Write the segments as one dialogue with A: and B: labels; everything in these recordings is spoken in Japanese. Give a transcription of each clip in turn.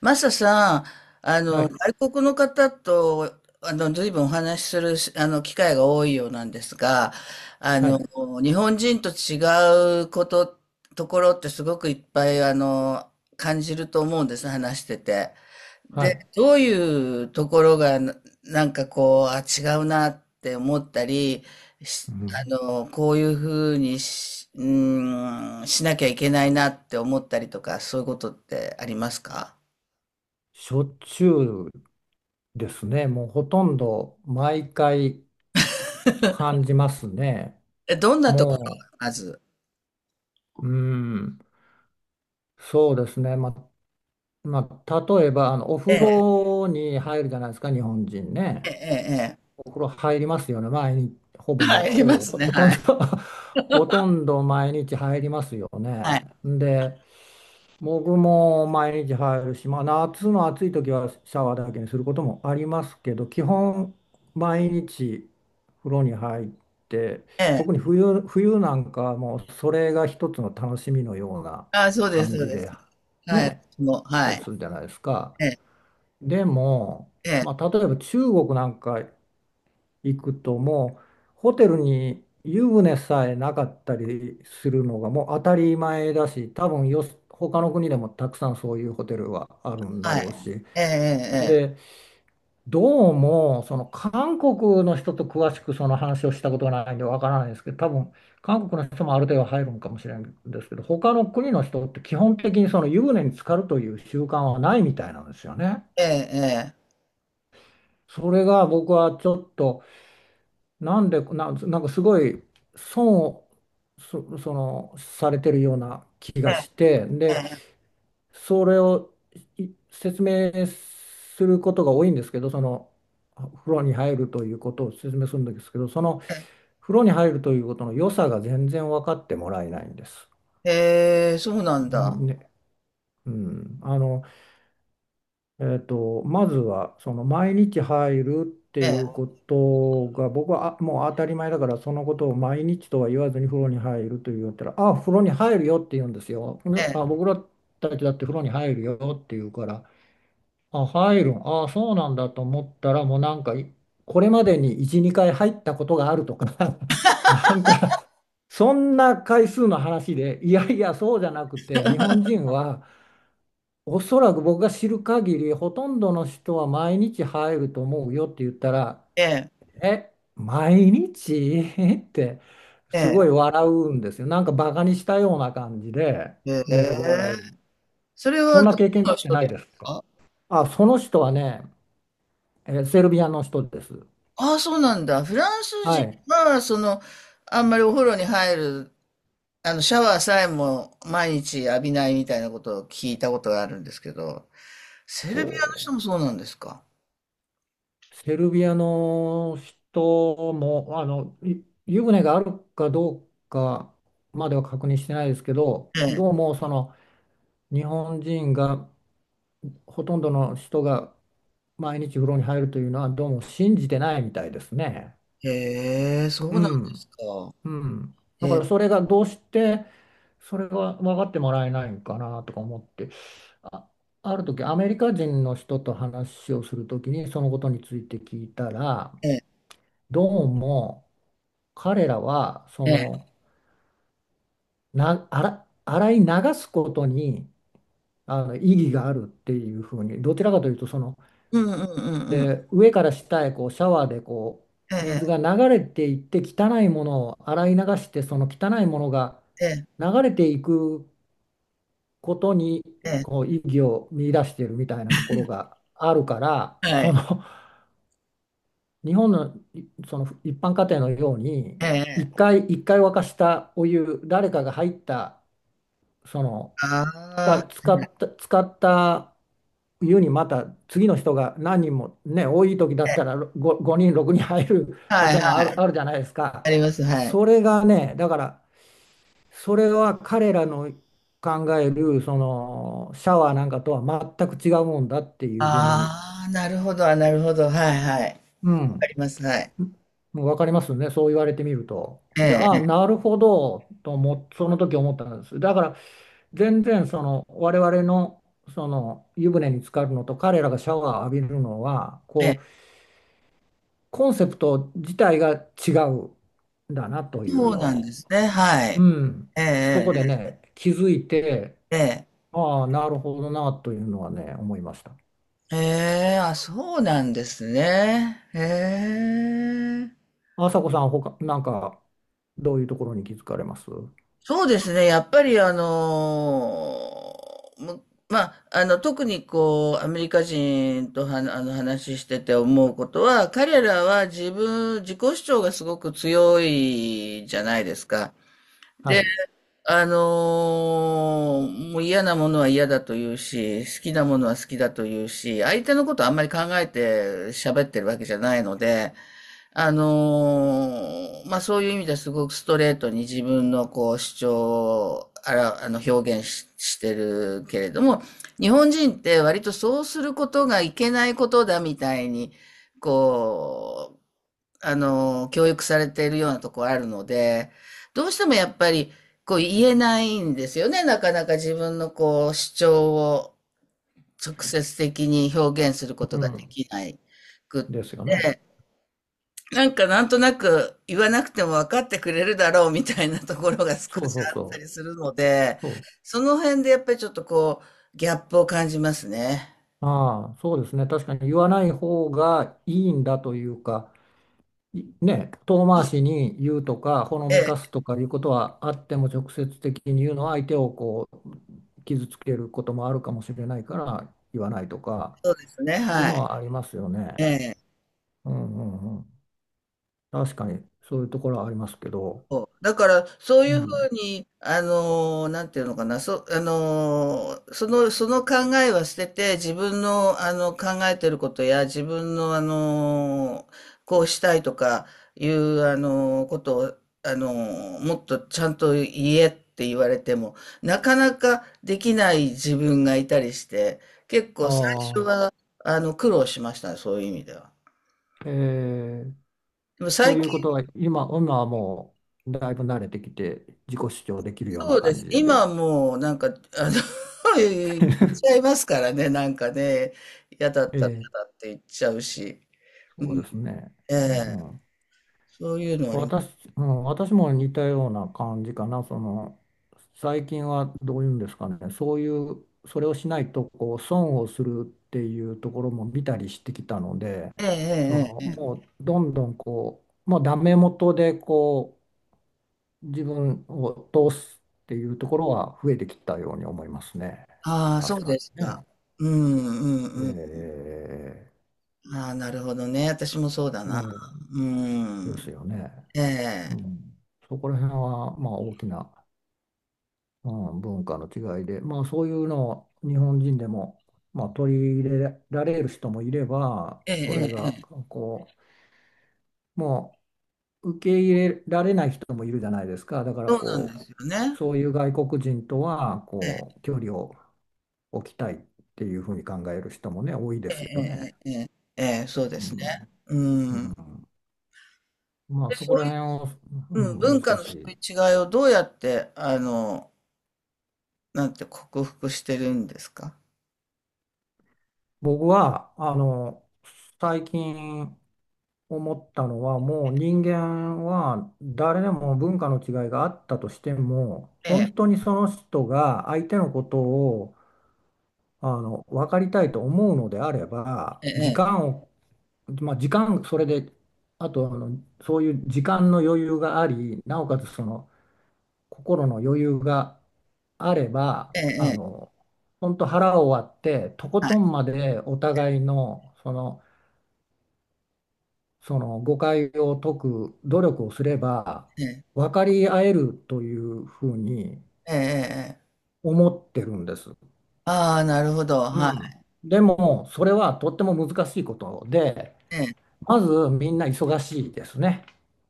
A: マサさん、
B: はい、
A: 外国の方と、随分お話しする、機会が多いようなんですが、あ
B: は
A: の、
B: い、
A: 日本人と違うこと、ところってすごくいっぱい、感じると思うんです、話してて。
B: は
A: で、
B: い。
A: どういうところが、なんかこう、違うなって思ったり、し
B: うん、
A: こういうふうにし、うーん、しなきゃいけないなって思ったりとか、そういうことってありますか？
B: しょっちゅうですね。もうほとんど毎回感じますね。
A: え、どんなところ
B: も
A: がまず。
B: う、うん、そうですね。まあ、例えばお風
A: ええ、
B: 呂に入るじゃないですか、日本人ね。
A: えええ
B: お風呂入りますよね。毎日、ほ
A: え。
B: ぼ毎、
A: はい、い
B: ほ
A: ま
B: ぼ、
A: すね、
B: ほとん
A: はい。
B: ど ほとんど毎日入りますよ
A: は
B: ね。
A: い。
B: で、僕も毎日入るし、まあ、夏の暑い時はシャワーだけにすることもありますけど、基本毎日風呂に入って、
A: え
B: 特に
A: え。
B: 冬なんかはもうそれが一つの楽しみのような
A: ああ、そうです
B: 感
A: そう
B: じ
A: です。
B: でね、
A: はい、
B: やっ
A: 私も、
B: た
A: は
B: り
A: い。
B: するじゃないですか。
A: ええ、
B: でも、
A: ええ、
B: まあ、例えば中国なんか行くともうホテルに湯船さえなかったりするのがもう当たり前だし、多分他の国でもたくさんそういうホテルはあるんだ
A: は
B: ろうし、
A: い。ええ
B: でどうもその韓国の人と詳しくその話をしたことがないんでわからないですけど、多分韓国の人もある程度入るのかもしれないんですけど、他の国の人って基本的にその湯船に浸かるという習慣はないみたいなんですよね。
A: ええええ。ええええ。
B: それが僕はちょっと、なんかすごい損をそのされてるような気がして、でそれを説明することが多いんですけど、その風呂に入るということを説明するんですけど、その風呂に入るということの良さが全然分かってもらえないんです。
A: ええええ。へえ、そうなんだ。
B: ね、うん、あのまずはその毎日入るって
A: え
B: いう
A: え、
B: ことが僕はもう当たり前だから、そのことを毎日とは言わずに風呂に入ると言ったら、「あ、風呂に入るよ」って言うんですよ。ね、
A: え
B: 僕らたちだって風呂に入るよって言うから、「あ、入るんあそうなんだ」と思ったらもう、なんかいこれまでに1、2回入ったことがあるとか、 なんかそんな回数の話で、いやいやそうじゃなくて、日本人は、おそらく僕が知る限り、ほとんどの人は毎日入ると思うよって言ったら、
A: え、
B: え、毎日 って
A: え
B: すごい
A: え、
B: 笑うんですよ。なんかバカにしたような感じで、
A: ええ。へ
B: で、
A: え。
B: 笑う。
A: それ
B: そ
A: は
B: んな
A: ど
B: 経験
A: この
B: って
A: 人
B: な
A: で
B: いです
A: す
B: か？
A: か？
B: あ、その人はね、セルビアの人です。
A: ああ、そうなんだ。フランス
B: は
A: 人
B: い。
A: は、あんまりお風呂に入る、シャワーさえも毎日浴びないみたいなことを聞いたことがあるんですけど。セルビ
B: ほ
A: アの人もそうなんですか。
B: う。セルビアの人も、あの、湯船があるかどうかまでは確認してないですけど、
A: ええ。
B: どうもその、日本人が、ほとんどの人が毎日風呂に入るというのは、どうも信じてないみたいですね。
A: へえ、そう
B: う
A: なんです
B: ん、
A: か。
B: うん。だ
A: え
B: から
A: え、
B: それがどうしてそれが分かってもらえないのかなとか思って、あ、ある時アメリカ人の人と話をする時にそのことについて聞いたら、
A: ええ、
B: どうも彼らはそ
A: ええ。
B: の、洗い流すことにあの意義があるっていうふうに、どちらかというとその、
A: うんうんうんうん。
B: で、上から下へこうシャワーでこ
A: え
B: う水
A: え、
B: が流れていって汚いものを洗い流して、その汚いものが
A: ええ、
B: 流れていくことに
A: え
B: こ
A: え。
B: う意義を見出しているみたいなところがあるから、
A: は
B: その
A: い。
B: 日本のその一般家庭のように、
A: え
B: 一
A: え。
B: 回一回沸かしたお湯、誰かが入った、その
A: あ
B: が使った、使った湯にまた次の人が何人もね、多い時だったら5、5人、6人入る
A: あ、
B: 家
A: はい
B: 庭もある、
A: は い。
B: あるじゃないですか。
A: あります、はい。
B: それがね、だからそれは彼らの考えるそのシャワーなんかとは全く違うもんだっていうふうに、
A: ああ、なるほど、なるほど。はいはい。
B: う
A: あ
B: ん、
A: ります、はい。
B: もう分かりますね、そう言われてみると。
A: え
B: で、
A: え、
B: ああ、
A: え
B: なるほどとその時思ったんです。だから全然その我々のその湯船に浸かるのと、彼らがシャワーを浴びるのは
A: え、え
B: こ
A: え。
B: うコンセプト自体が違うんだなとい
A: そ
B: う
A: う
B: の
A: なんで
B: を、
A: すね、は
B: う
A: い。
B: ん、そ
A: ええ、
B: こでね気づいて、
A: ええ、ええ。
B: ああなるほどなというのはね思いました。
A: ええ、そうなんですね。へえ。
B: 朝子さん、他なんかどういうところに気づかれます
A: そうですね。やっぱりあのーむまあ、特にこう、アメリカ人とは、話してて思うことは、彼らは自己主張がすごく強いじゃないですか。
B: は
A: で、
B: い、
A: もう嫌なものは嫌だと言うし、好きなものは好きだと言うし、相手のことあんまり考えて喋ってるわけじゃないので、あのまあそういう意味ではすごくストレートに自分のこう主張を表現てるけれども、日本人って割とそうすることがいけないことだみたいに、こう、教育されているようなところあるので、どうしてもやっぱりこう言えないんですよね。なかなか自分のこう主張を直接的に表現するこ
B: う
A: とがで
B: ん、
A: きないくっ
B: ですよ
A: て。
B: ね。
A: なんかなんとなく言わなくても分かってくれるだろうみたいなところが少
B: そう
A: し
B: そう
A: あった
B: そ
A: り
B: う。
A: するので、
B: そ
A: その辺でやっぱりちょっとこうギャップを感じますね。
B: う。ああ、そうですね。確かに言わない方がいいんだというか、ね、遠回しに言うとか、ほの
A: え
B: めか
A: え、
B: すとかいうことはあっても、直接的に言うのは相手をこう傷つけることもあるかもしれないから言わないとか
A: そうですね、
B: いう
A: は
B: の
A: い。
B: はありますよね。
A: ええ。
B: うんうんうん。確かにそういうところはありますけど。
A: そうだから、そうい
B: う
A: うふ
B: ん。
A: うに、なんていうのかな、そ、あのー、その、その考えは捨てて、自分の、考えてることや、自分の、こうしたいとかいう、ことを、もっとちゃんと言えって言われても、なかなかできない自分がいたりして、結構最初
B: あ
A: は、苦労しましたね、そういう意味では。
B: あ、えー、
A: でも
B: と
A: 最近
B: いうことは今、今はもうだいぶ慣れてきて自己主張できるような
A: そうで
B: 感
A: す。
B: じ。
A: 今はもうなんか、の、言っ ちゃいますからね、なんかね、嫌だっ
B: え
A: たら嫌
B: ー、
A: だって言っちゃうし、う
B: そう
A: ん、
B: ですね。
A: え
B: う
A: え、
B: ん、
A: そういうのはあります。
B: 私、うん、私も似たような感じかな。その、最近はどういうんですかね。そういう、それをしないとこう損をするっていうところも見たりしてきたので、
A: え
B: そ
A: え、
B: の、
A: ええ、え
B: も
A: え。
B: うどんどんこう、もうダメ元でこう、自分を通すっていうところは増えてきたように思いますね。
A: ああ、そ
B: 確
A: う
B: か
A: です
B: に
A: か。
B: ね。
A: うん、うん、うん。
B: ええ
A: ああ、なるほどね。私もそうだな。
B: え
A: う
B: えです
A: ん。
B: よね。
A: え
B: う
A: え、
B: ん。そこら辺は、まあ大きな、うん、文化の違いで、まあ、そういうのを日本人でも、まあ、取り入れられる人もいれば、
A: ええ、
B: それ
A: ええ、
B: が
A: ええ
B: こう、もう受け入れられない人もいるじゃないですか。だから
A: そうなんで
B: こ
A: すよ
B: う、
A: ね。
B: そういう外国人とは
A: ええ、
B: こう距離を置きたいっていうふうに考える人もね、多いで
A: え
B: すよね。
A: え、ええ、ええ、ええそうで
B: う
A: すね。
B: ん、う
A: うん。
B: ん、まあ
A: で、
B: そこ
A: そ
B: ら
A: うい
B: 辺を、う
A: う、うん、
B: ん、
A: 文化
B: 難
A: の
B: し
A: そう
B: い。
A: いう違いをどうやって、なんて克服してるんですか？
B: 僕はあの最近思ったのは、もう人間は誰でも文化の違いがあったとしても、
A: ええ、
B: 本当にその人が相手のことをあの分かりたいと思うのであれば、
A: ええ、
B: 時間、それで、あとあの、そういう時間の余裕があり、なおかつその心の余裕があれば、
A: ええ、え
B: あ
A: え、
B: の、本当腹を割って、とこ
A: は
B: とん
A: い、
B: までお互いの、その、その誤解を解く努力をすれば
A: ええ、
B: 分かり合えるというふうに
A: ええ、ええ。
B: 思ってるんです。
A: ああ、なるほど、
B: う
A: は
B: ん。でもそれはとっても難しいことで、
A: い、ええ。
B: まずみんな忙しいですね。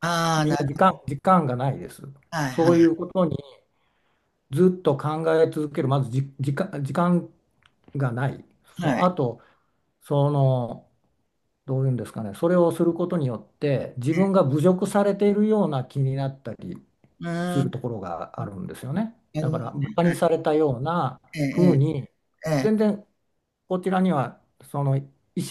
A: ああ、
B: み
A: な
B: ん
A: る、
B: な時間がないです。
A: はい、は
B: そ
A: い、
B: ういうことにずっと考え続ける、まずじ、時間がない。そ
A: は
B: う、
A: い、
B: あと、その、どういうんですかね、それをすることによって自
A: ええ。
B: 分が侮辱されているような気になったり
A: う
B: す
A: ー
B: る
A: ん、
B: ところがあるんですよね。
A: な
B: だ
A: る
B: か
A: ほど、
B: らバカにされたような
A: え
B: 風
A: え、
B: に、
A: ええ、え
B: 全
A: え。
B: 然こちらにはその意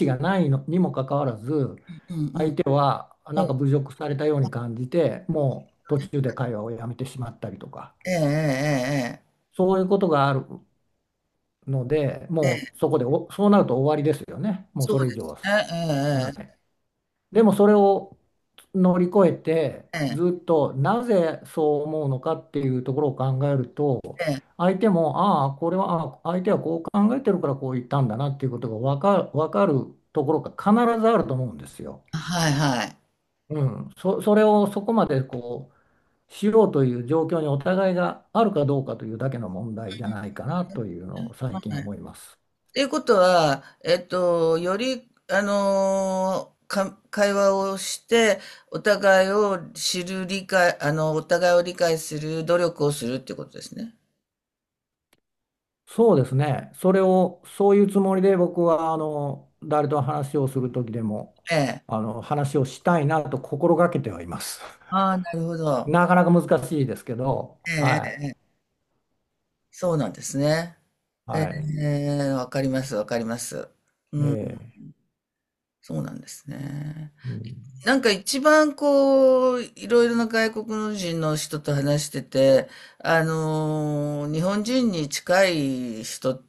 B: 思がないのにもかかわらず、
A: うんうんう
B: 相
A: ん、
B: 手はなんか侮辱されたように感じて、もう途中で会話をやめてしまったりとか、
A: ええ、ええええええ。
B: そういうことがあるので、
A: え
B: も
A: え、
B: うそこでそうなると終わりですよね。もう
A: そう
B: そ
A: で
B: れ以上
A: す
B: は
A: ね、
B: ない。でもそれを乗り越えて、
A: ええええ、
B: ずっとなぜそう思うのかっていうところを考えると、
A: ええ、ええ。
B: 相手も、ああ、これは相手はこう考えてるからこう言ったんだなっていうことが分かるところが必ずあると思うんですよ。
A: はいはい。
B: うん、それをそこまでこうしようという状況にお互いがあるかどうかというだけの問題じゃないかなというのを最近思います。
A: っていうことは、えっと、より、あのーか、会話をして、お互いを理解する努力をするっていうことですね。
B: そうですね。それを、そういうつもりで僕は、あの、誰と話をする時でも、
A: え
B: あ
A: え。
B: の、話をしたいなと心がけてはいます。
A: ああ、なるほ ど。
B: なかなか難しいですけど、
A: ええ、え
B: は
A: え、ええそうなんですね。
B: い。
A: え
B: はい。
A: え、わかります、わかります。
B: ええ、
A: そうなんですね。
B: うん、
A: なんか一番こう、いろいろな外国人の人と話してて、日本人に近い人、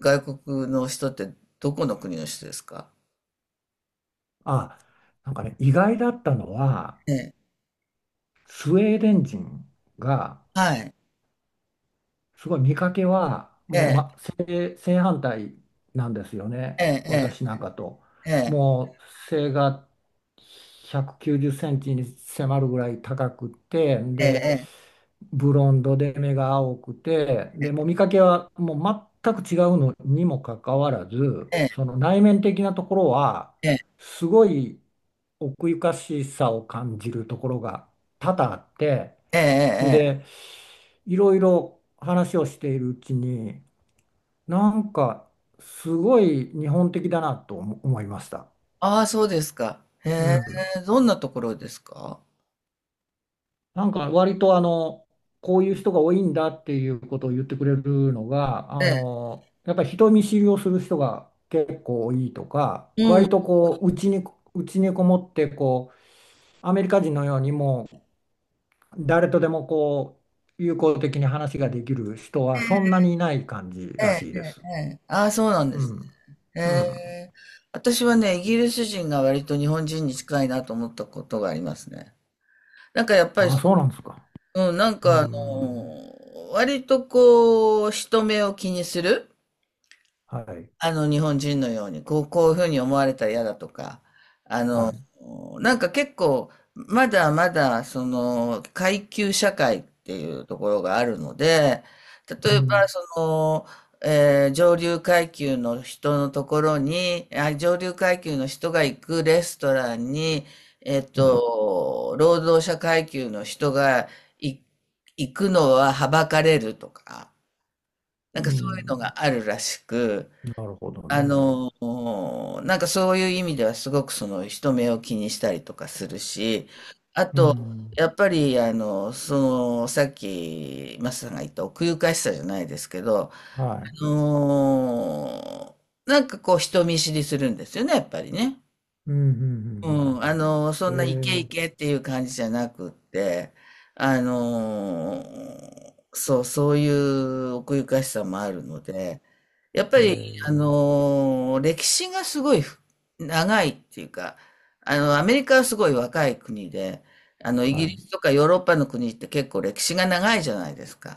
A: 外国の人ってどこの国の人ですか？
B: あ、なんかね、意外だったのは、
A: ええ。
B: スウェーデン人が、
A: はい。
B: すごい見かけは
A: え
B: もう、
A: え、
B: 正反対なんですよ
A: え
B: ね、
A: え、え
B: 私なんかと。
A: え、ええ、
B: もう背が190センチに迫るぐらい高くて、
A: え
B: で
A: え、
B: ブロンドで目が青くて、でもう見かけはもう全く違うのにもかかわらず、
A: え
B: その内面的なところは
A: え、
B: すごい奥ゆかしさを感じるところが多々あって、
A: ええ、ええ、え
B: で
A: え。
B: いろいろ話をしているうちに、なんか、すごい日本的だなと思いました。
A: ああ、そうですか。へ
B: う
A: え、
B: ん。
A: どんなところですか？
B: なんか、割とあの、こういう人が多いんだっていうことを言ってくれるのが、
A: え
B: あ
A: え、
B: の、やっぱり人見知りをする人が結構多いとか、
A: う
B: 割
A: ん。
B: とこう、うちにこもって、こう、アメリカ人のようにもう、誰とでもこう、友好的に話ができる人はそんなにいない感じ
A: え
B: ら
A: え、
B: しい
A: え
B: で
A: え、
B: す。
A: ええ。ああ、そうなんで
B: う
A: す
B: ん。
A: ね。へ
B: うん。
A: えー。私はね、イギリス人が割と日本人に近いなと思ったことがありますね。なんかやっぱり、
B: ああ、そうなんですか。
A: うん、なん
B: う
A: かあ
B: ん。
A: の、割とこう、人目を気にする。
B: はい。
A: 日本人のように、こう、こういうふうに思われたら嫌だとか、あ
B: は
A: の、
B: い。
A: なんか結構、まだまだ、階級社会っていうところがあるので、
B: う
A: 例えば、
B: ん。
A: 上流階級の人のところに、上流階級の人が行くレストランに、えっ
B: うん。
A: と、労働者階級の人がい行くのははばかれるとか、な
B: う
A: んかそういうの
B: ん。
A: があるらしく、
B: なるほどね。
A: なんかそういう意味ではすごくその人目を気にしたりとかするし、あ
B: う
A: と
B: ん。
A: やっぱりそのさっきマスさんが言った奥ゆかしさじゃないですけど、あ
B: はい。
A: のなんかこう人見知りするんですよね、やっぱりね。
B: うん。うん。う
A: うん、そ
B: んうんう
A: んなイケイ
B: ん、え
A: ケっていう感じじゃなくって、あの、そういう奥ゆかしさもあるので、やっぱ
B: ー、
A: り、
B: え
A: 歴史がすごい長いっていうか、アメリカはすごい若い国で、イ
B: ー、は
A: ギ
B: い。
A: リスとかヨーロッパの国って結構歴史が長いじゃないですか。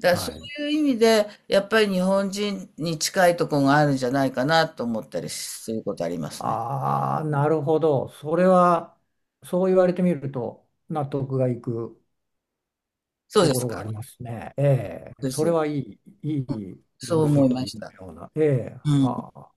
A: だからそ
B: はい。
A: ういう意味で、やっぱり日本人に近いところがあるんじゃないかなと思ったりすることありますね。
B: ああ、なるほど。それは、そう言われてみると、納得がいく
A: そう
B: と
A: で
B: こ
A: す
B: ろが
A: か。
B: あり
A: そ
B: ますね。ええ、
A: うです
B: それ
A: よね。
B: はいい、いい分
A: そう思いま
B: 析
A: し
B: の
A: た。
B: ような。ええ、
A: うん。
B: は